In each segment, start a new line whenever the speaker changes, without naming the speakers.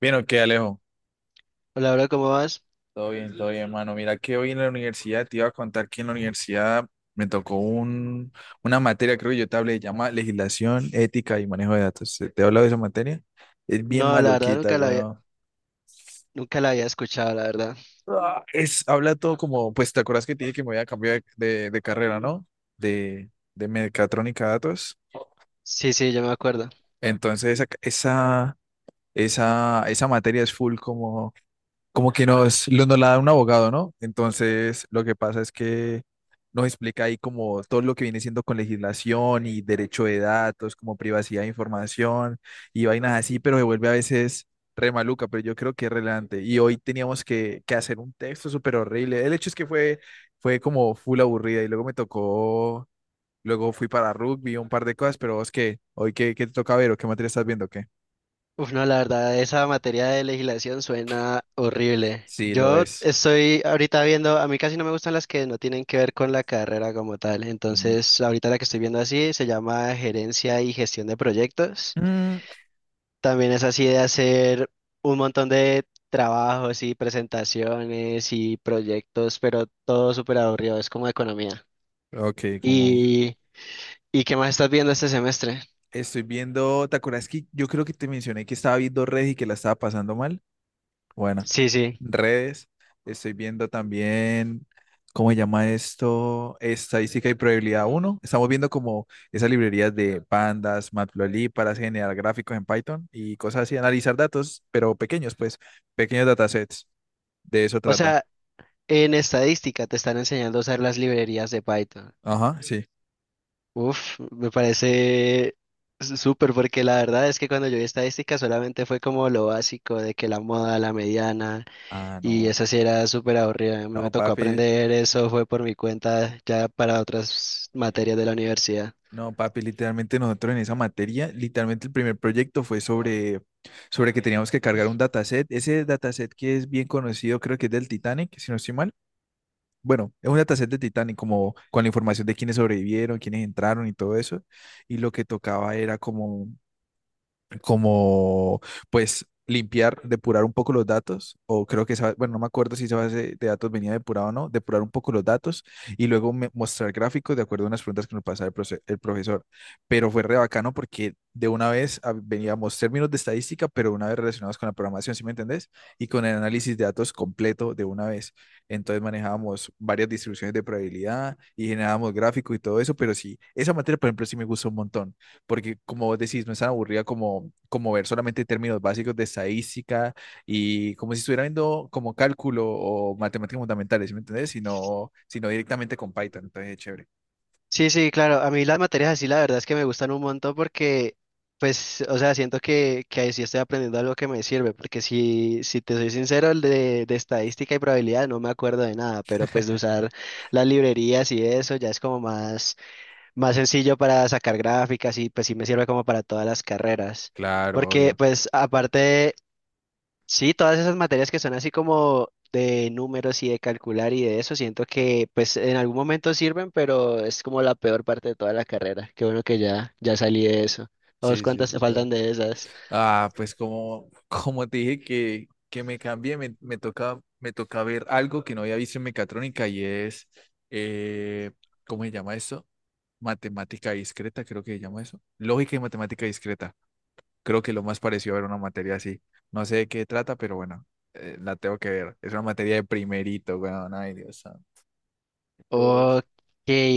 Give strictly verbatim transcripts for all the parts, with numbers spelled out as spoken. Bien, ok, Alejo.
Hola, bro, ¿cómo vas?
Todo bien, todo bien, hermano. Mira que hoy en la universidad te iba a contar que en la universidad me tocó un, una materia, creo que yo te hablé, llama Legislación, Ética y Manejo de Datos. ¿Te he hablado de esa materia? Es bien
No, la verdad
maluquita,
nunca la había,
weón.
nunca la había escuchado, la verdad.
Ah, Es, habla todo como, pues, ¿te acuerdas que te dije que me voy a cambiar de, de carrera, ¿no? De, de mecatrónica a datos.
Sí, sí, yo me acuerdo.
Entonces, esa, esa, esa, esa materia es full como como que nos, lo- nos la da un abogado, ¿no? Entonces, lo que pasa es que nos explica ahí como todo lo que viene siendo con legislación y derecho de datos, como privacidad de información y vainas así, pero se vuelve a veces re maluca, pero yo creo que es relevante. Y hoy teníamos que, que hacer un texto súper horrible. El hecho es que fue, fue como full aburrida y luego me tocó, luego fui para rugby, un par de cosas, pero es que hoy qué, qué te toca ver o qué materia estás viendo, o ¿qué?
Uf, no, la verdad, esa materia de legislación suena horrible.
Sí, lo
Yo
es.
estoy ahorita viendo, a mí casi no me gustan las que no tienen que ver con la carrera como tal.
Mm,
Entonces, ahorita la que estoy viendo así se llama Gerencia y Gestión de Proyectos.
mm,
También es así de hacer un montón de trabajos y presentaciones y proyectos, pero todo súper aburrido, es como economía.
ok, como...
Y ¿Y qué más estás viendo este semestre?
Estoy viendo, ¿te acuerdas que yo creo que te mencioné que estaba viendo redes y que la estaba pasando mal? Bueno,
Sí, sí.
redes. Estoy viendo también, ¿cómo se llama esto? Estadística y probabilidad uno. Estamos viendo como esas librerías de pandas, matplotlib para generar gráficos en Python y cosas así, analizar datos, pero pequeños, pues, pequeños datasets. De eso
O
trata.
sea, en estadística te están enseñando a usar las librerías de Python.
Ajá, sí.
Uf, me parece s- súper, porque la verdad es que cuando yo vi estadística solamente fue como lo básico de que la moda, la mediana,
Ah,
y
no.
esa sí era súper aburrida. A mí
No,
me tocó
papi,
aprender eso, fue por mi cuenta ya para otras materias de la universidad.
No, papi, literalmente nosotros en esa materia, literalmente el primer proyecto fue sobre, sobre que teníamos que cargar un dataset. Ese dataset que es bien conocido, creo que es del Titanic, si no estoy mal. Bueno, es un dataset del Titanic, como con la información de quiénes sobrevivieron, quiénes entraron y todo eso. Y lo que tocaba era como como pues limpiar, depurar un poco los datos, o creo que esa, bueno, no me acuerdo si esa base de datos venía depurada o no, depurar un poco los datos y luego me- mostrar gráficos de acuerdo a unas preguntas que nos pasaba el, profe- el profesor. Pero fue re bacano porque de una vez ah, veníamos términos de estadística, pero una vez relacionados con la programación, ¿sí me entendés? Y con el análisis de datos completo de una vez. Entonces manejábamos varias distribuciones de probabilidad y generábamos gráficos y todo eso, pero sí, esa materia, por ejemplo, sí me gustó un montón porque como vos decís, no es tan aburrida como, como ver solamente términos básicos de estadística y como si estuviera viendo como cálculo o matemáticas fundamentales, ¿sí me entendés? Sino, sino directamente con Python, entonces es chévere.
Sí, sí, claro. A mí las materias así, la verdad es que me gustan un montón porque, pues, o sea, siento que, que ahí sí estoy aprendiendo algo que me sirve. Porque si, si te soy sincero, el de, de estadística y probabilidad no me acuerdo de nada, pero pues de usar las librerías y eso ya es como más, más sencillo para sacar gráficas, y pues sí me sirve como para todas las carreras.
Claro,
Porque,
obvio.
pues, aparte, sí, todas esas materias que son así como de números y de calcular y de eso, siento que pues en algún momento sirven, pero es como la peor parte de toda la carrera. Qué bueno que ya, ya salí de eso. ¿A vos
Sí, sí,
cuántas te
literal.
faltan de esas?
Ah, pues como, como te dije que, que me cambié, me, me toca, me toca ver algo que no había visto en mecatrónica y es, eh, ¿cómo se llama eso? Matemática discreta, creo que se llama eso. Lógica y matemática discreta. Creo que lo más parecido a ver una materia así. No sé de qué trata, pero bueno, eh, la tengo que ver. Es una materia de primerito, weón. Ay, Dios santo. Qué pereza.
Ok,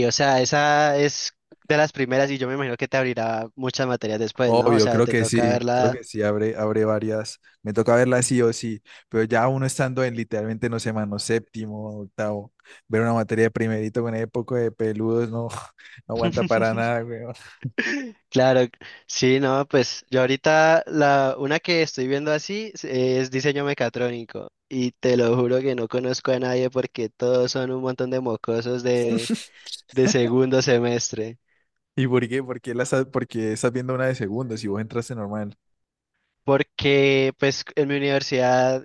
o sea, esa es de las primeras, y yo me imagino que te abrirá muchas materias después, ¿no? O
Obvio,
sea,
creo
te
que
toca
sí, creo
verla.
que sí, abre, abre varias. Me toca verla sí o sí, pero ya uno estando en literalmente, no sé, mano, séptimo, octavo, ver una materia de primerito con ese poco de peludos, no, no aguanta para nada, weón.
Claro, sí, no, pues yo ahorita la una que estoy viendo así es es diseño mecatrónico, y te lo juro que no conozco a nadie porque todos son un montón de mocosos de, de segundo semestre.
¿Y por qué? ¿Por qué la estás, porque estás viendo una de segundo si vos entraste normal?
Porque pues en mi universidad,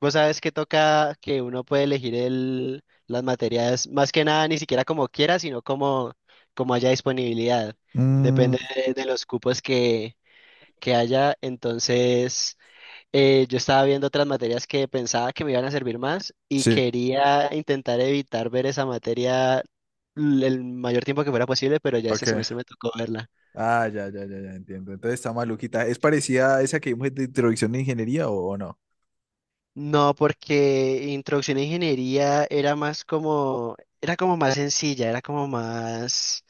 vos sabes que toca que uno puede elegir el, las materias más que nada ni siquiera como quiera, sino como, como haya disponibilidad.
Mm,
Depende de, de los cupos que, que haya, entonces... eh, yo estaba viendo otras materias que pensaba que me iban a servir más y
sí,
quería intentar evitar ver esa materia l- el mayor tiempo que fuera posible, pero ya este
ok.
semestre me tocó verla.
Ah, ya, ya, ya, ya, entiendo. Entonces está maluquita. ¿Es parecida a esa que vimos de introducción de ingeniería o, o no?
No, porque introducción a ingeniería era más como, era como más sencilla, era como más...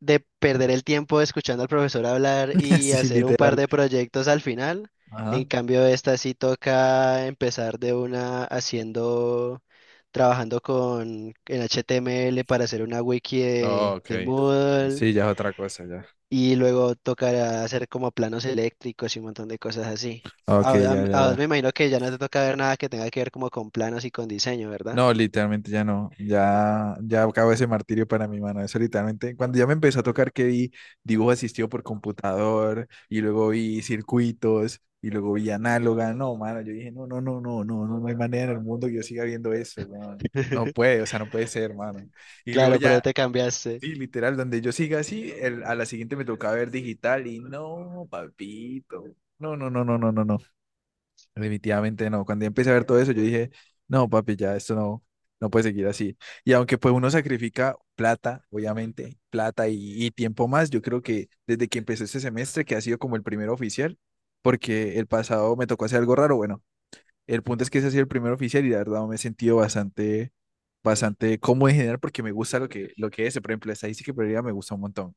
de perder el tiempo escuchando al profesor hablar y
Sí,
hacer un par
literal.
de proyectos al final. En
Ajá.
cambio, esta sí toca empezar de una haciendo, trabajando con en H T M L para hacer una wiki
Oh,
de, de
ok.
Moodle,
Sí, ya es otra cosa, ya.
y luego tocará hacer como planos eléctricos y un montón de cosas así.
Ok,
A, a-
ya, ya,
a vos
ya.
me imagino que ya no te toca ver nada que tenga que ver como con planos y con diseño, ¿verdad?
No, literalmente ya no. Ya, ya acabó ese martirio para mi mano. Eso literalmente, cuando ya me empezó a tocar que vi dibujo asistido por computador y luego vi circuitos y luego vi análoga. No, mano, yo dije, no, no, no, no, no, no, no hay manera en el mundo que yo siga viendo eso, weón. No puede, o sea, no puede ser, mano. Y luego
Claro, pero
ya
te cambiaste.
sí, literal, donde yo siga así, el- a la siguiente me toca ver digital y no, papito. No, no, no, no, no, no, no. Definitivamente no. Cuando ya empecé a ver todo eso, yo dije, no, papi, ya esto no, no puede seguir así. Y aunque pues uno sacrifica plata, obviamente, plata y, y tiempo más, yo creo que desde que empezó este semestre, que ha sido como el primero oficial, porque el pasado me tocó hacer algo raro, bueno. El punto es que ese ha sido el primer oficial y la verdad me he sentido bastante, bastante cómodo en general porque me gusta lo que, lo que es. Por ejemplo, estadística y probabilidad me gusta un montón.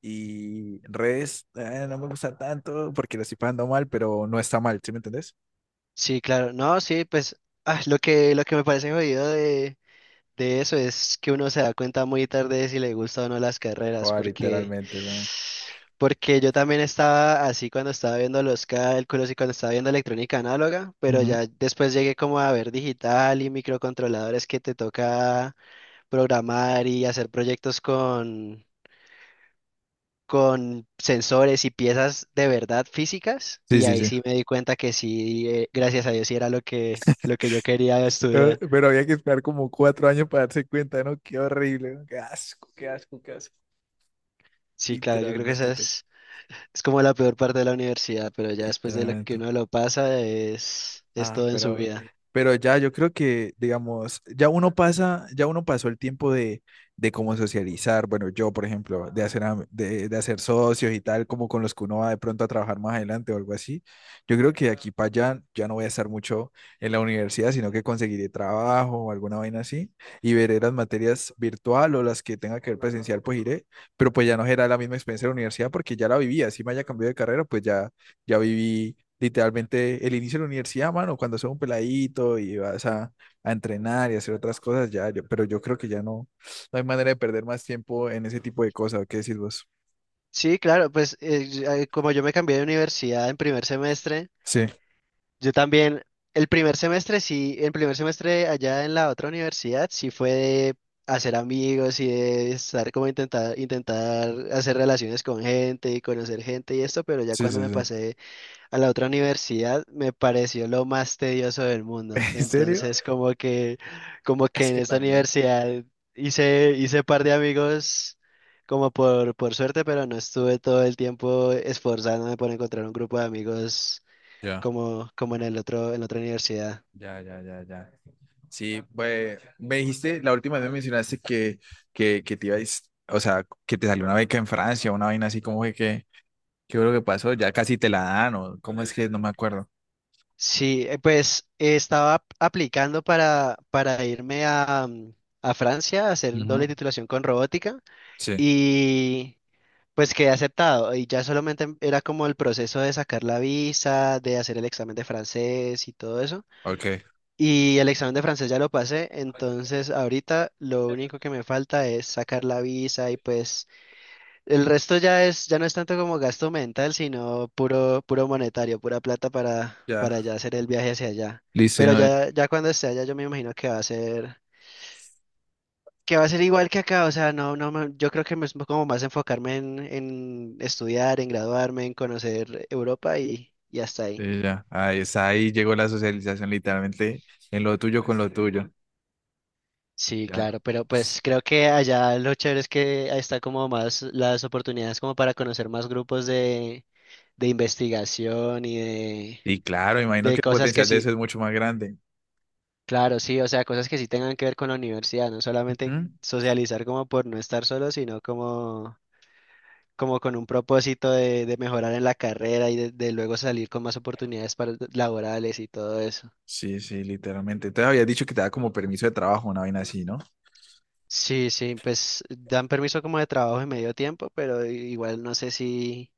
Y redes eh, no me gusta tanto porque lo estoy pagando mal, pero no está mal, ¿sí me entendés?
Sí, claro. No, sí, pues ah, lo que, lo que me parece jodido de, de eso es que uno se da cuenta muy tarde de si le gusta o no las carreras,
Oh,
porque,
literalmente, weón.
porque yo también estaba así cuando estaba viendo los cálculos y cuando estaba viendo electrónica análoga, pero
Ujú.
ya después llegué como a ver digital y microcontroladores que te toca programar y hacer proyectos con, con sensores y piezas de verdad físicas,
Sí,
y
sí,
ahí
sí.
sí me di cuenta que sí, eh, gracias a Dios, sí era lo que, lo que yo quería
Eh,
estudiar.
Pero había que esperar como cuatro años para darse cuenta, ¿no? Qué horrible, ¿no? Qué asco, qué asco, qué asco.
Sí, claro, yo creo que
Literalmente,
esa
tú.
es, es como la peor parte de la universidad, pero ya después de lo que
Literalmente.
uno lo pasa es, es
Ah,
todo en su
pero,
vida.
pero ya yo creo que, digamos, ya uno pasa, ya uno pasó el tiempo de, de cómo socializar. Bueno, yo, por ejemplo, de hacer, am- de, de hacer socios y tal, como con los que uno va de pronto a trabajar más adelante o algo así. Yo creo que de aquí para allá ya no voy a estar mucho en la universidad, sino que conseguiré trabajo o alguna vaina así y veré las materias virtual o las que tenga que ver presencial, pues iré. Pero pues ya no será la misma experiencia de la universidad porque ya la viví. Así me haya cambiado de carrera, pues ya, ya viví literalmente el inicio de la universidad, mano, cuando sos un peladito y vas a, a entrenar y hacer otras cosas, ya, yo- pero yo creo que ya no, no hay manera de perder más tiempo en ese tipo de cosas, ¿qué decís vos?
Sí, claro, pues eh, yo- eh, como yo me cambié de universidad en primer semestre,
Sí,
yo también, el primer semestre sí, el primer semestre allá en la otra universidad sí fue de hacer amigos y de estar como intentar, intentar hacer relaciones con gente y conocer gente y esto, pero ya
sí,
cuando
sí,
me
sí.
pasé a la otra universidad me pareció lo más tedioso del mundo.
¿En serio?
Entonces, como que, como que
Es
en
que
esta
también.
universidad hice, hice par de amigos como por, por suerte, pero no estuve todo el tiempo esforzándome por encontrar un grupo de amigos
Ya,
como, como en el otro, en la otra universidad.
ya, ya, ya, ya. Sí, pues me dijiste, la última vez me mencionaste que, que, que te ibas o sea, que te salió una beca en Francia, una vaina así como que, que, ¿qué fue lo que pasó? Ya casi te la dan, o cómo es que no me acuerdo.
Sí, eh, pues eh, estaba ap- aplicando para, para irme a, mm, a Francia a hacer doble
Ujú.
titulación con robótica.
Sí,
Y, Pues quedé aceptado y ya solamente em- era como el proceso de sacar la visa, de hacer el examen de francés y todo eso.
ok.
Y el examen de francés ya lo pasé, entonces ahorita lo único que me falta es sacar la visa, y pues el resto ya es, ya no es tanto como gasto mental, sino puro, puro monetario, pura plata para, para
Ya.
ya hacer el viaje hacia allá.
Listo, y
Pero
no,
ya, ya cuando esté allá yo me imagino que va a ser que va a ser igual que acá, o sea, no, no, me- yo creo que me es como más enfocarme en, en estudiar, en graduarme, en conocer Europa, y, y hasta ahí.
sí, ya. Ahí, está, ahí llegó la socialización literalmente en lo tuyo con lo tuyo.
Sí,
Ya.
claro, pero pues creo que allá lo chévere es que ahí está como más las oportunidades como para conocer más grupos de, de investigación y de,
Y claro, imagino
de
que el
cosas que
potencial de eso
sí,
es mucho más grande.
claro, sí, o sea, cosas que sí tengan que ver con la universidad, no solamente
Ujú.
socializar como por no estar solo, sino como como con un propósito de, de mejorar en la carrera y de, de luego salir con más oportunidades para, laborales y todo eso.
Sí, sí, literalmente. Entonces habías dicho que te da como permiso de trabajo, una vaina así, ¿no?
Sí, sí, pues dan permiso como de trabajo en medio tiempo, pero igual no sé si,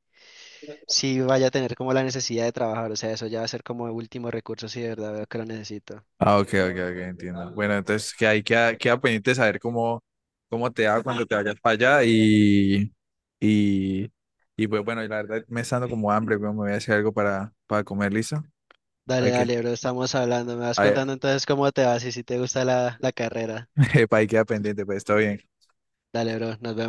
si vaya a tener como la necesidad de trabajar, o sea, eso ya va a ser como último recurso si de verdad veo que lo necesito.
Ah, ok, ok, ok, entiendo. Bueno, entonces que ahí queda, queda pendiente saber cómo, cómo te va cuando te vayas para allá y, y, y pues bueno, la verdad me está dando como hambre, pero me voy a hacer algo para, para comer, ¿listo?
Dale,
Hay que,
dale, bro, estamos hablando, me vas
ahí,
contando entonces cómo te vas y si te gusta la, la carrera.
epa, ahí queda pendiente, pues está bien.
Dale, bro, nos vemos.